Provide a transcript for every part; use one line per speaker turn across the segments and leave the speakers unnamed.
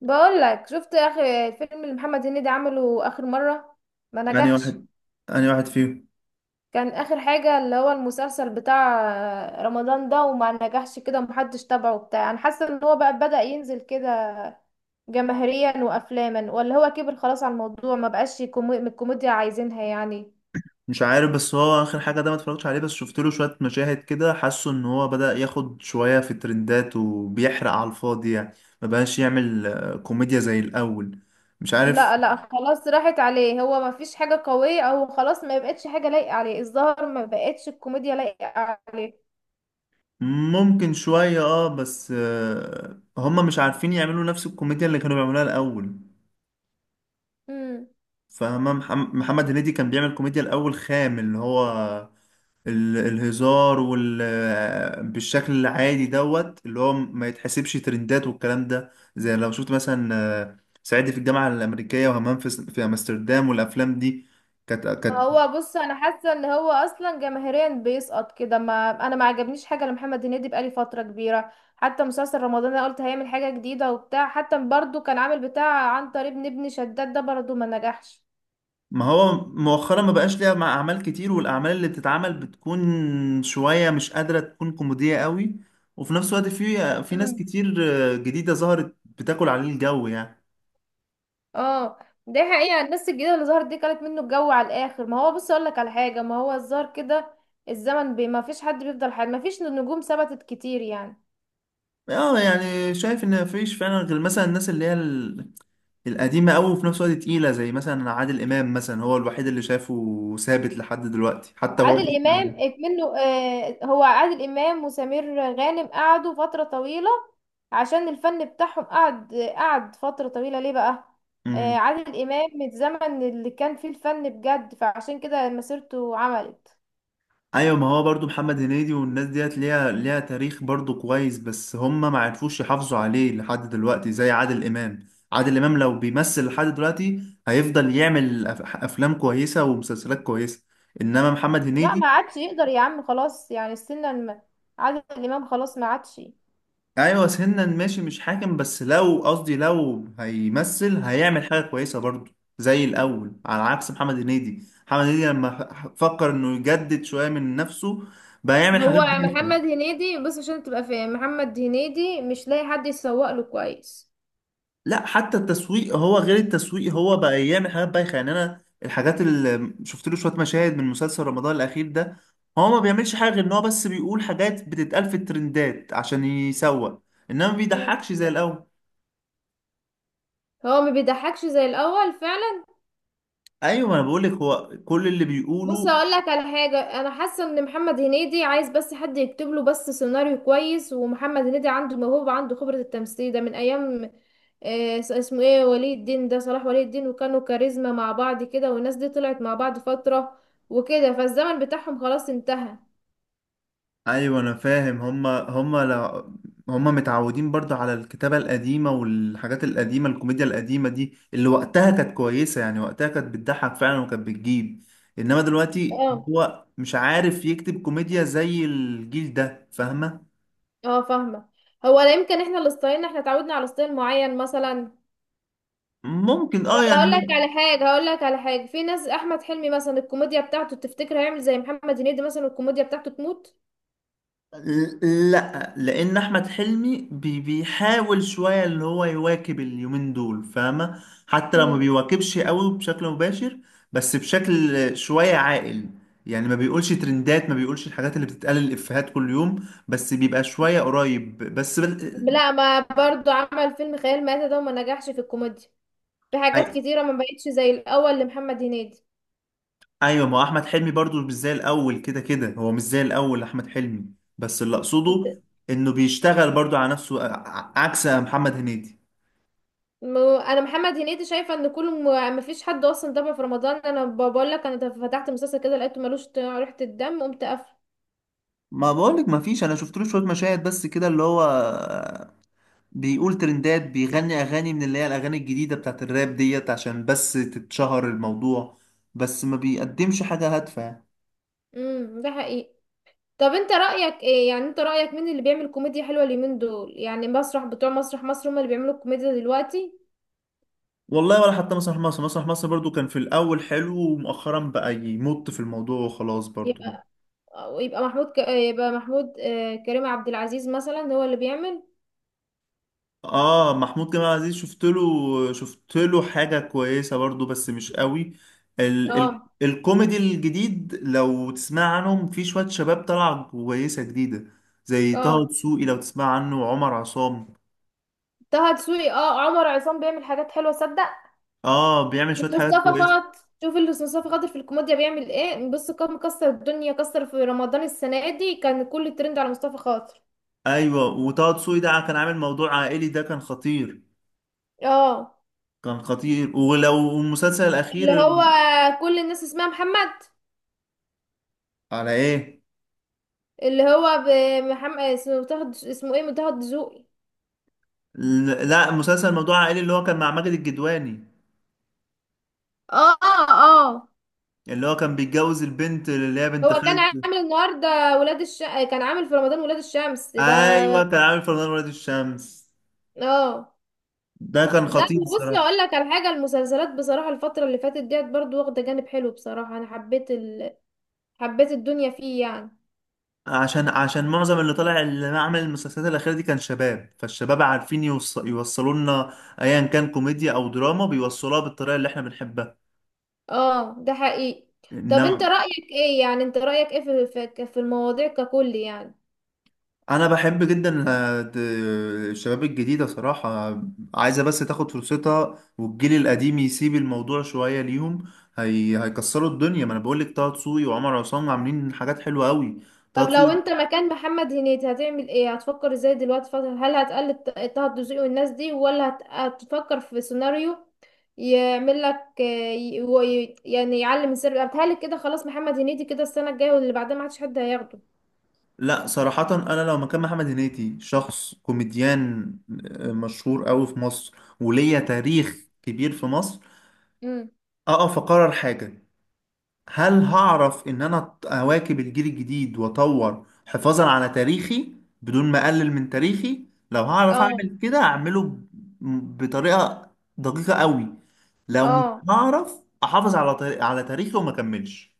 بقول لك شفت اخر الفيلم اللي محمد هنيدي عمله اخر مره، ما
يعني
نجحش.
واحد يعني واحد فيهم.
كان اخر حاجه اللي هو المسلسل بتاع رمضان ده، وما نجحش كده ومحدش تابعه بتاع. انا حاسه ان هو بقى بدأ ينزل كده جماهيريا وافلاما، ولا هو كبر خلاص على الموضوع ما بقاش الكوميديا عايزينها يعني.
مش عارف، بس هو اخر حاجه ده ما اتفرجتش عليه، بس شفت له شويه مشاهد كده، حاسه ان هو بدأ ياخد شويه في الترندات وبيحرق على الفاضي يعني. ما بقاش يعمل كوميديا زي الاول. مش عارف.
لا لا، خلاص راحت عليه، هو ما فيش حاجه قويه او خلاص ما بقتش حاجه لايقه عليه. الظاهر ما بقتش الكوميديا لايقه
ممكن شويه اه، بس هما مش عارفين يعملوا نفس الكوميديا اللي كانوا بيعملوها الاول.
عليه.
فاهمة؟ محمد هنيدي كان بيعمل كوميديا الاول خام، اللي هو الهزار بالشكل العادي دوت، اللي هو ما يتحسبش ترندات والكلام ده. زي لو شفت مثلا صعيدي في الجامعة الأمريكية، وهمام في أمستردام، والأفلام دي كانت.
هو بص، انا حاسه ان هو اصلا جماهيريا بيسقط كده، ما انا ما عجبنيش حاجه لمحمد هنيدي بقالي فتره كبيره. حتى مسلسل رمضان انا قلت هيعمل حاجه جديده وبتاع، حتى برضو كان عامل بتاع عن طريق ابن شداد ده برضو ما نجحش.
ما هو مؤخرا ما بقاش ليها مع أعمال كتير، والأعمال اللي بتتعمل بتكون شوية مش قادرة تكون كوميدية قوي، وفي نفس الوقت في ناس
مم.
كتير جديدة ظهرت بتاكل عليه الجو يعني.
اه، دي حقيقه، الناس الجديده اللي ظهرت دي كانت منه الجو على الاخر. ما هو بص اقول لك على حاجه، ما هو الظاهر كده الزمن بي ما فيش حد بيفضل حد، ما فيش نجوم ثبتت كتير يعني.
اه، يعني شايف ان مفيش فعلا غير مثلا الناس اللي هي القديمة أوي، وفي نفس الوقت تقيلة، زي مثلا عادل إمام، مثلا هو الوحيد اللي شافه ثابت لحد دلوقتي حتى هو.
عادل امام منه، هو عادل امام وسمير غانم قعدوا فتره طويله عشان الفن بتاعهم قعد فتره طويله ليه بقى.
امم.
عادل امام من الزمن اللي كان فيه الفن بجد، فعشان كده مسيرته عملت.
أيوة، ما هو برضو محمد هنيدي والناس ديت ليها تاريخ برضو كويس، بس هم ما عرفوش يحافظوا عليه لحد دلوقتي زي عادل إمام. عادل إمام لو بيمثل لحد دلوقتي هيفضل يعمل أفلام كويسة ومسلسلات كويسة. إنما محمد
لا،
هنيدي،
ما عادش يقدر يا عم، خلاص يعني عادل امام خلاص ما عادش.
ايوه سنا ماشي مش حاكم، بس لو قصدي لو هيمثل هيعمل حاجه كويسه برضه زي الاول، على عكس محمد هنيدي. محمد هنيدي لما فكر انه يجدد شويه من نفسه بقى يعمل حاجات
هو
بايخه.
محمد هنيدي بص، عشان تبقى فاهم، محمد هنيدي مش لاقي حد يسوق له كويس.
لا، حتى التسويق، هو غير التسويق، هو بقى يعمل حاجات بايخه يعني. انا الحاجات اللي شفت له شويه مشاهد من مسلسل رمضان الاخير ده، هو ما بيعملش حاجه غير ان هو بس بيقول حاجات بتتقال في الترندات عشان يسوق، انما ما
مم.
بيضحكش زي الاول.
هو ما بيضحكش زي الاول فعلا.
ايوه، ما انا بقول لك، هو كل اللي
بص
بيقوله.
اقول لك على حاجه، انا حاسه ان محمد هنيدي عايز بس حد يكتب له بس سيناريو كويس، ومحمد هنيدي عنده موهبه، عنده خبره. التمثيل ده من ايام، اسمه ايه، ولي الدين، ده صلاح ولي الدين، وكانوا كاريزما مع بعض كده، والناس دي طلعت مع بعض فتره وكده، فالزمن بتاعهم خلاص انتهى.
ايوه، انا فاهم. هما لا، هما متعودين برضو على الكتابة القديمة والحاجات القديمة، الكوميديا القديمة دي اللي وقتها كانت كويسة يعني، وقتها كانت بتضحك فعلا وكانت بتجيب، انما دلوقتي
اه،
هو مش عارف يكتب كوميديا زي الجيل ده. فاهمة؟
اه، فاهمه. هو لا يمكن احنا اللي ستايلنا، احنا اتعودنا على ستايل معين مثلا.
ممكن اه
طب هقول لك
يعني.
على حاجه، هقول لك على حاجه، في ناس احمد حلمي مثلا، الكوميديا بتاعته تفتكر هيعمل زي محمد هنيدي مثلا الكوميديا بتاعته تموت؟
لا، لان احمد حلمي بي بيحاول شويه اللي هو يواكب اليومين دول، فاهمه؟ حتى لو ما
مم.
بيواكبش قوي بشكل مباشر، بس بشكل شويه عاقل يعني. ما بيقولش ترندات، ما بيقولش الحاجات اللي بتتقال الافيهات كل يوم، بس بيبقى شويه قريب، بس
لا، ما برضو عمل فيلم خيال مآتة ده وما نجحش في الكوميديا. في حاجات
أي-
كتيرة ما بقتش زي الأول لمحمد هنيدي.
ايوه، ما هو احمد حلمي برضو مش زي الاول، كده كده هو مش زي الاول احمد حلمي، بس اللي اقصده
د-
انه بيشتغل برضو على نفسه، عكس محمد هنيدي.
أنا محمد هنيدي شايفة إن ما فيش حد أصلا دمه في رمضان. أنا بقول لك، أنا فتحت مسلسل كده لقيته ملوش ريحة الدم، قمت قافله.
ما بقولك ما فيش، انا شفت له شويه مشاهد بس كده، اللي هو بيقول ترندات، بيغني اغاني من اللي هي الاغاني الجديده بتاعت الراب ديت عشان بس تتشهر الموضوع، بس ما بيقدمش حاجه هادفه يعني.
امم، ده حقيقي. طب أنت رأيك إيه يعني، أنت رأيك مين اللي بيعمل كوميديا حلوة اليومين دول؟ يعني مسرح بتوع مسرح مصر هما اللي بيعملوا الكوميديا دلوقتي؟
والله ولا حتى مسرح مصر. مسرح مصر برضو كان في الاول حلو، ومؤخرا بقى يمط في الموضوع وخلاص برضو.
يبقى يبقى محمود، كريم عبد العزيز مثلا هو اللي بيعمل.
اه، محمود جمال عزيز، شفت له حاجة كويسة برضو بس مش قوي. ال ال
اه،
الكوميدي الجديد لو تسمع عنهم، في شوية شباب طالعة كويسة جديدة زي طه
اه،
دسوقي لو تسمع عنه، وعمر عصام.
طه دسوقي، اه عمر عصام بيعمل حاجات حلوه صدق.
اه، بيعمل شوية حاجات
مصطفى
كويسة.
خاطر، شوف اللي مصطفى خاطر في الكوميديا بيعمل ايه. بص كان مكسر الدنيا، كسر في رمضان السنه دي، كان كل الترند على مصطفى خاطر.
ايوه، وطه دسوقي ده كان عامل موضوع عائلي، ده كان خطير.
اه،
كان خطير. ولو المسلسل
اللي
الأخير،
هو كل الناس اسمها محمد.
على ايه؟
اللي هو محمد اسمه متاخد، اسمه ايه، متاخد دسوقي.
لا، مسلسل موضوع عائلي اللي هو كان مع ماجد الكدواني،
اه. اه.
اللي هو كان بيتجوز البنت اللي هي بنت
هو كان
خالته.
عامل النهارده ولاد الش كان عامل في رمضان ولاد الشمس ده.
ايوه، كان عامل فنان ولاد الشمس.
اه.
ده كان
لا
خطير
بصي
الصراحه.
اقول لك على حاجه، المسلسلات بصراحه الفتره اللي فاتت ديت برضو واخده جانب حلو بصراحه، انا حبيت حبيت الدنيا فيه يعني.
عشان عشان معظم اللي طالع اللي عمل المسلسلات الاخيره دي كان شباب، فالشباب عارفين يوصلوا لنا ايا كان كوميديا او دراما، بيوصلوها بالطريقه اللي احنا بنحبها.
اه، ده حقيقي. طب انت
انما
رايك ايه يعني، انت رايك ايه في في المواضيع ككل يعني؟
انا بحب جدا الشباب الجديده صراحه، عايزه بس تاخد فرصتها، والجيل القديم يسيب الموضوع شويه ليهم. هيكسروا الدنيا، ما انا بقول لك طه دسوقي وعمر عصام عاملين حاجات حلوه قوي. طه
طب لو انت
دسوقي.
مكان محمد هنيدي هتعمل ايه؟ هتفكر ازاي دلوقتي فترة؟ هل هتقلد طه الدسوقي والناس دي، ولا هتفكر في سيناريو يعمل لك، يعني يعلم السر. بتهيألي كده خلاص محمد هنيدي كده، السنه الجايه واللي بعدها ما عادش حد هياخده.
لا صراحة، أنا لو مكان محمد هنيدي شخص كوميديان مشهور أوي في مصر، وليا تاريخ كبير في مصر،
امم.
أقف أقرر حاجة. هل هعرف إن أنا أواكب الجيل الجديد وأطور حفاظا على تاريخي بدون ما أقلل من تاريخي؟ لو هعرف
اه.
أعمل كده أعمله بطريقة دقيقة أوي، لو مش
اه،
هعرف أحافظ على تاريخي وما أكملش.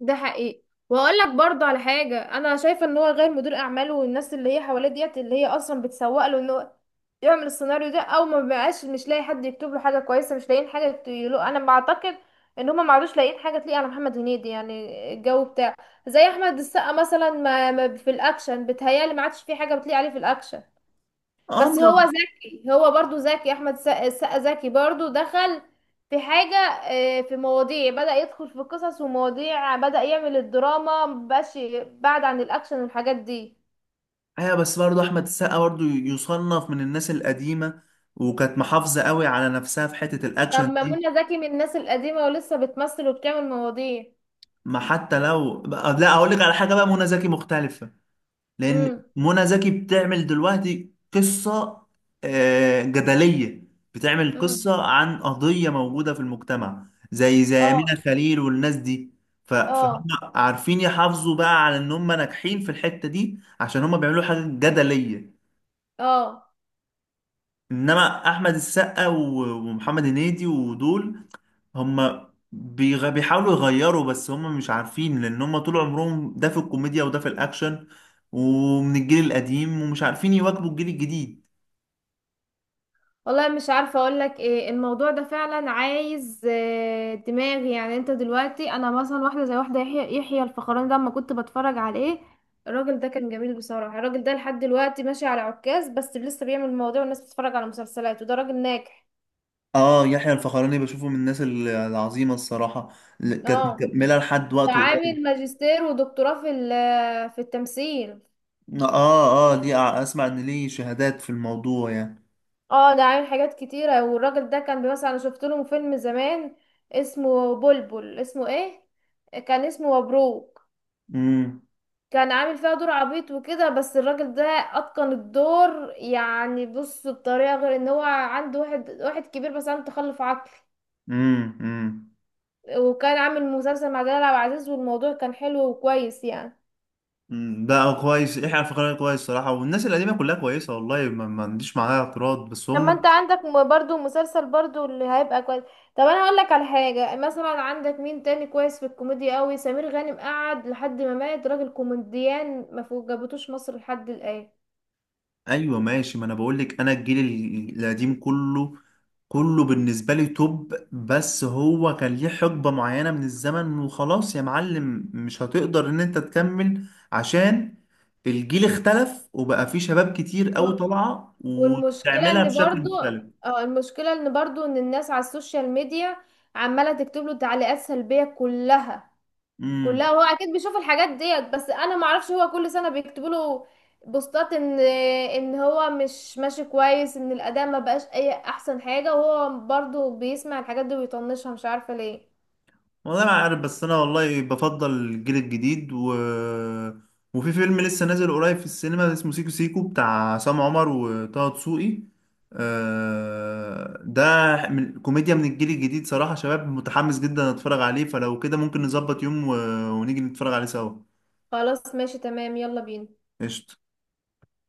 ده حقيقي. واقول لك برضه على حاجه، انا شايفه ان هو غير مدير اعماله والناس اللي هي حواليه ديت، اللي هي اصلا بتسوق له ان هو يعمل السيناريو ده او ما بقاش، مش لاقي حد يكتب له حاجه كويسه. مش لاقيين حاجه يقولوا، انا بعتقد ان هما ما عادوش لاقيين حاجه تليق على محمد هنيدي يعني الجو بتاعه. زي احمد السقا مثلا، ما في الاكشن بتهيالي ما عادش في حاجه بتليق عليه في الاكشن.
اه،
بس هو ذكي، هو برضو ذكي، احمد السقا ذكي برضو، دخل في حاجة، في مواضيع، بدأ يدخل في قصص ومواضيع، بدأ يعمل الدراما، مبقاش بعد عن الأكشن والحاجات دي.
ايوه، بس برضه احمد السقا برضه يصنف من الناس القديمه، وكانت محافظه قوي على نفسها في حته الاكشن
لما
دي.
منى زكي من الناس القديمة ولسه بتمثل وبتعمل مواضيع.
ما حتى لو لا، اقول لك على حاجه، بقى منى زكي مختلفه، لان
امم.
منى زكي بتعمل دلوقتي قصه جدليه، بتعمل
امم.
قصه عن قضيه موجوده في المجتمع زي زي امينه
اه.
خليل والناس دي. فهم
اه.
عارفين يحافظوا بقى على ان هم ناجحين في الحته دي عشان هم بيعملوا حاجه جدليه.
اه.
انما احمد السقا ومحمد هنيدي ودول، هم بيحاولوا يغيروا، بس هم مش عارفين، لان هم طول عمرهم ده في الكوميديا وده في الاكشن، ومن الجيل القديم، ومش عارفين يواكبوا الجيل الجديد.
والله مش عارفة اقولك ايه، الموضوع ده فعلا عايز دماغ يعني. انت دلوقتي انا مثلا واحدة زي واحدة، يحيى الفخراني ده لما كنت بتفرج عليه، الراجل ده كان جميل بصراحة. الراجل ده لحد دلوقتي ماشي على عكاز بس لسه بيعمل مواضيع والناس بتتفرج على مسلسلاته، ده راجل ناجح.
اه، يحيى الفخراني بشوفه من الناس العظيمة الصراحة، اللي كانت
اه.
مكملة لحد
ده
وقته
عامل
قريب.
ماجستير ودكتوراه في في التمثيل.
اه اه، دي اسمع ان ليه شهادات في الموضوع يعني.
اه، ده عامل حاجات كتيرة. والراجل ده كان مثلا انا شفت له فيلم زمان اسمه بلبل، اسمه ايه، كان اسمه مبروك.
امم.
كان عامل فيها دور عبيط وكده، بس الراجل ده اتقن الدور يعني. بص، بطريقه، غير ان هو عنده واحد كبير، بس عنده تخلف عقلي.
امم.
وكان عامل مسلسل مع جلال عبد العزيز، والموضوع كان حلو وكويس يعني.
مم. ده كويس، يحيى الفخراني كويس صراحة، والناس القديمة كلها كويسة، والله ما عنديش معاها اعتراض، بس
طب ما انت
هم.
عندك برضو مسلسل برضو اللي هيبقى كويس. طب انا اقول لك على حاجه، مثلا عندك مين تاني كويس في الكوميديا قوي؟ سمير غانم قعد لحد ما مات، راجل كوميديان ما فوق- جابتوش مصر لحد الان.
ايوه ماشي، ما انا بقول لك، انا الجيل القديم كله، كله بالنسبة لي توب، بس هو كان ليه حقبة معينة من الزمن، وخلاص يا معلم، مش هتقدر ان انت تكمل عشان الجيل اختلف، وبقى فيه شباب كتير قوي طالعة
والمشكلة
وتعملها
ان برضو،
بشكل
اه المشكلة ان برضو ان الناس على السوشيال ميديا عمالة تكتب له تعليقات سلبية كلها
مختلف.
كلها. وهو اكيد بيشوف الحاجات ديت، بس انا معرفش، هو كل سنة بيكتبوا له بوستات ان هو مش ماشي كويس، ان الاداء ما بقاش اي احسن حاجة. وهو برضو بيسمع الحاجات دي ويطنشها، مش عارفة ليه.
والله ما عارف، بس انا والله بفضل الجيل الجديد وفي فيلم لسه نازل قريب في السينما اسمه سيكو سيكو بتاع عصام عمر وطه دسوقي ده من كوميديا من الجيل الجديد صراحة، شباب متحمس جدا، اتفرج عليه. فلو كده ممكن نظبط يوم ونيجي نتفرج عليه سوا.
خلاص ماشي تمام، يلا بينا.
قشطة.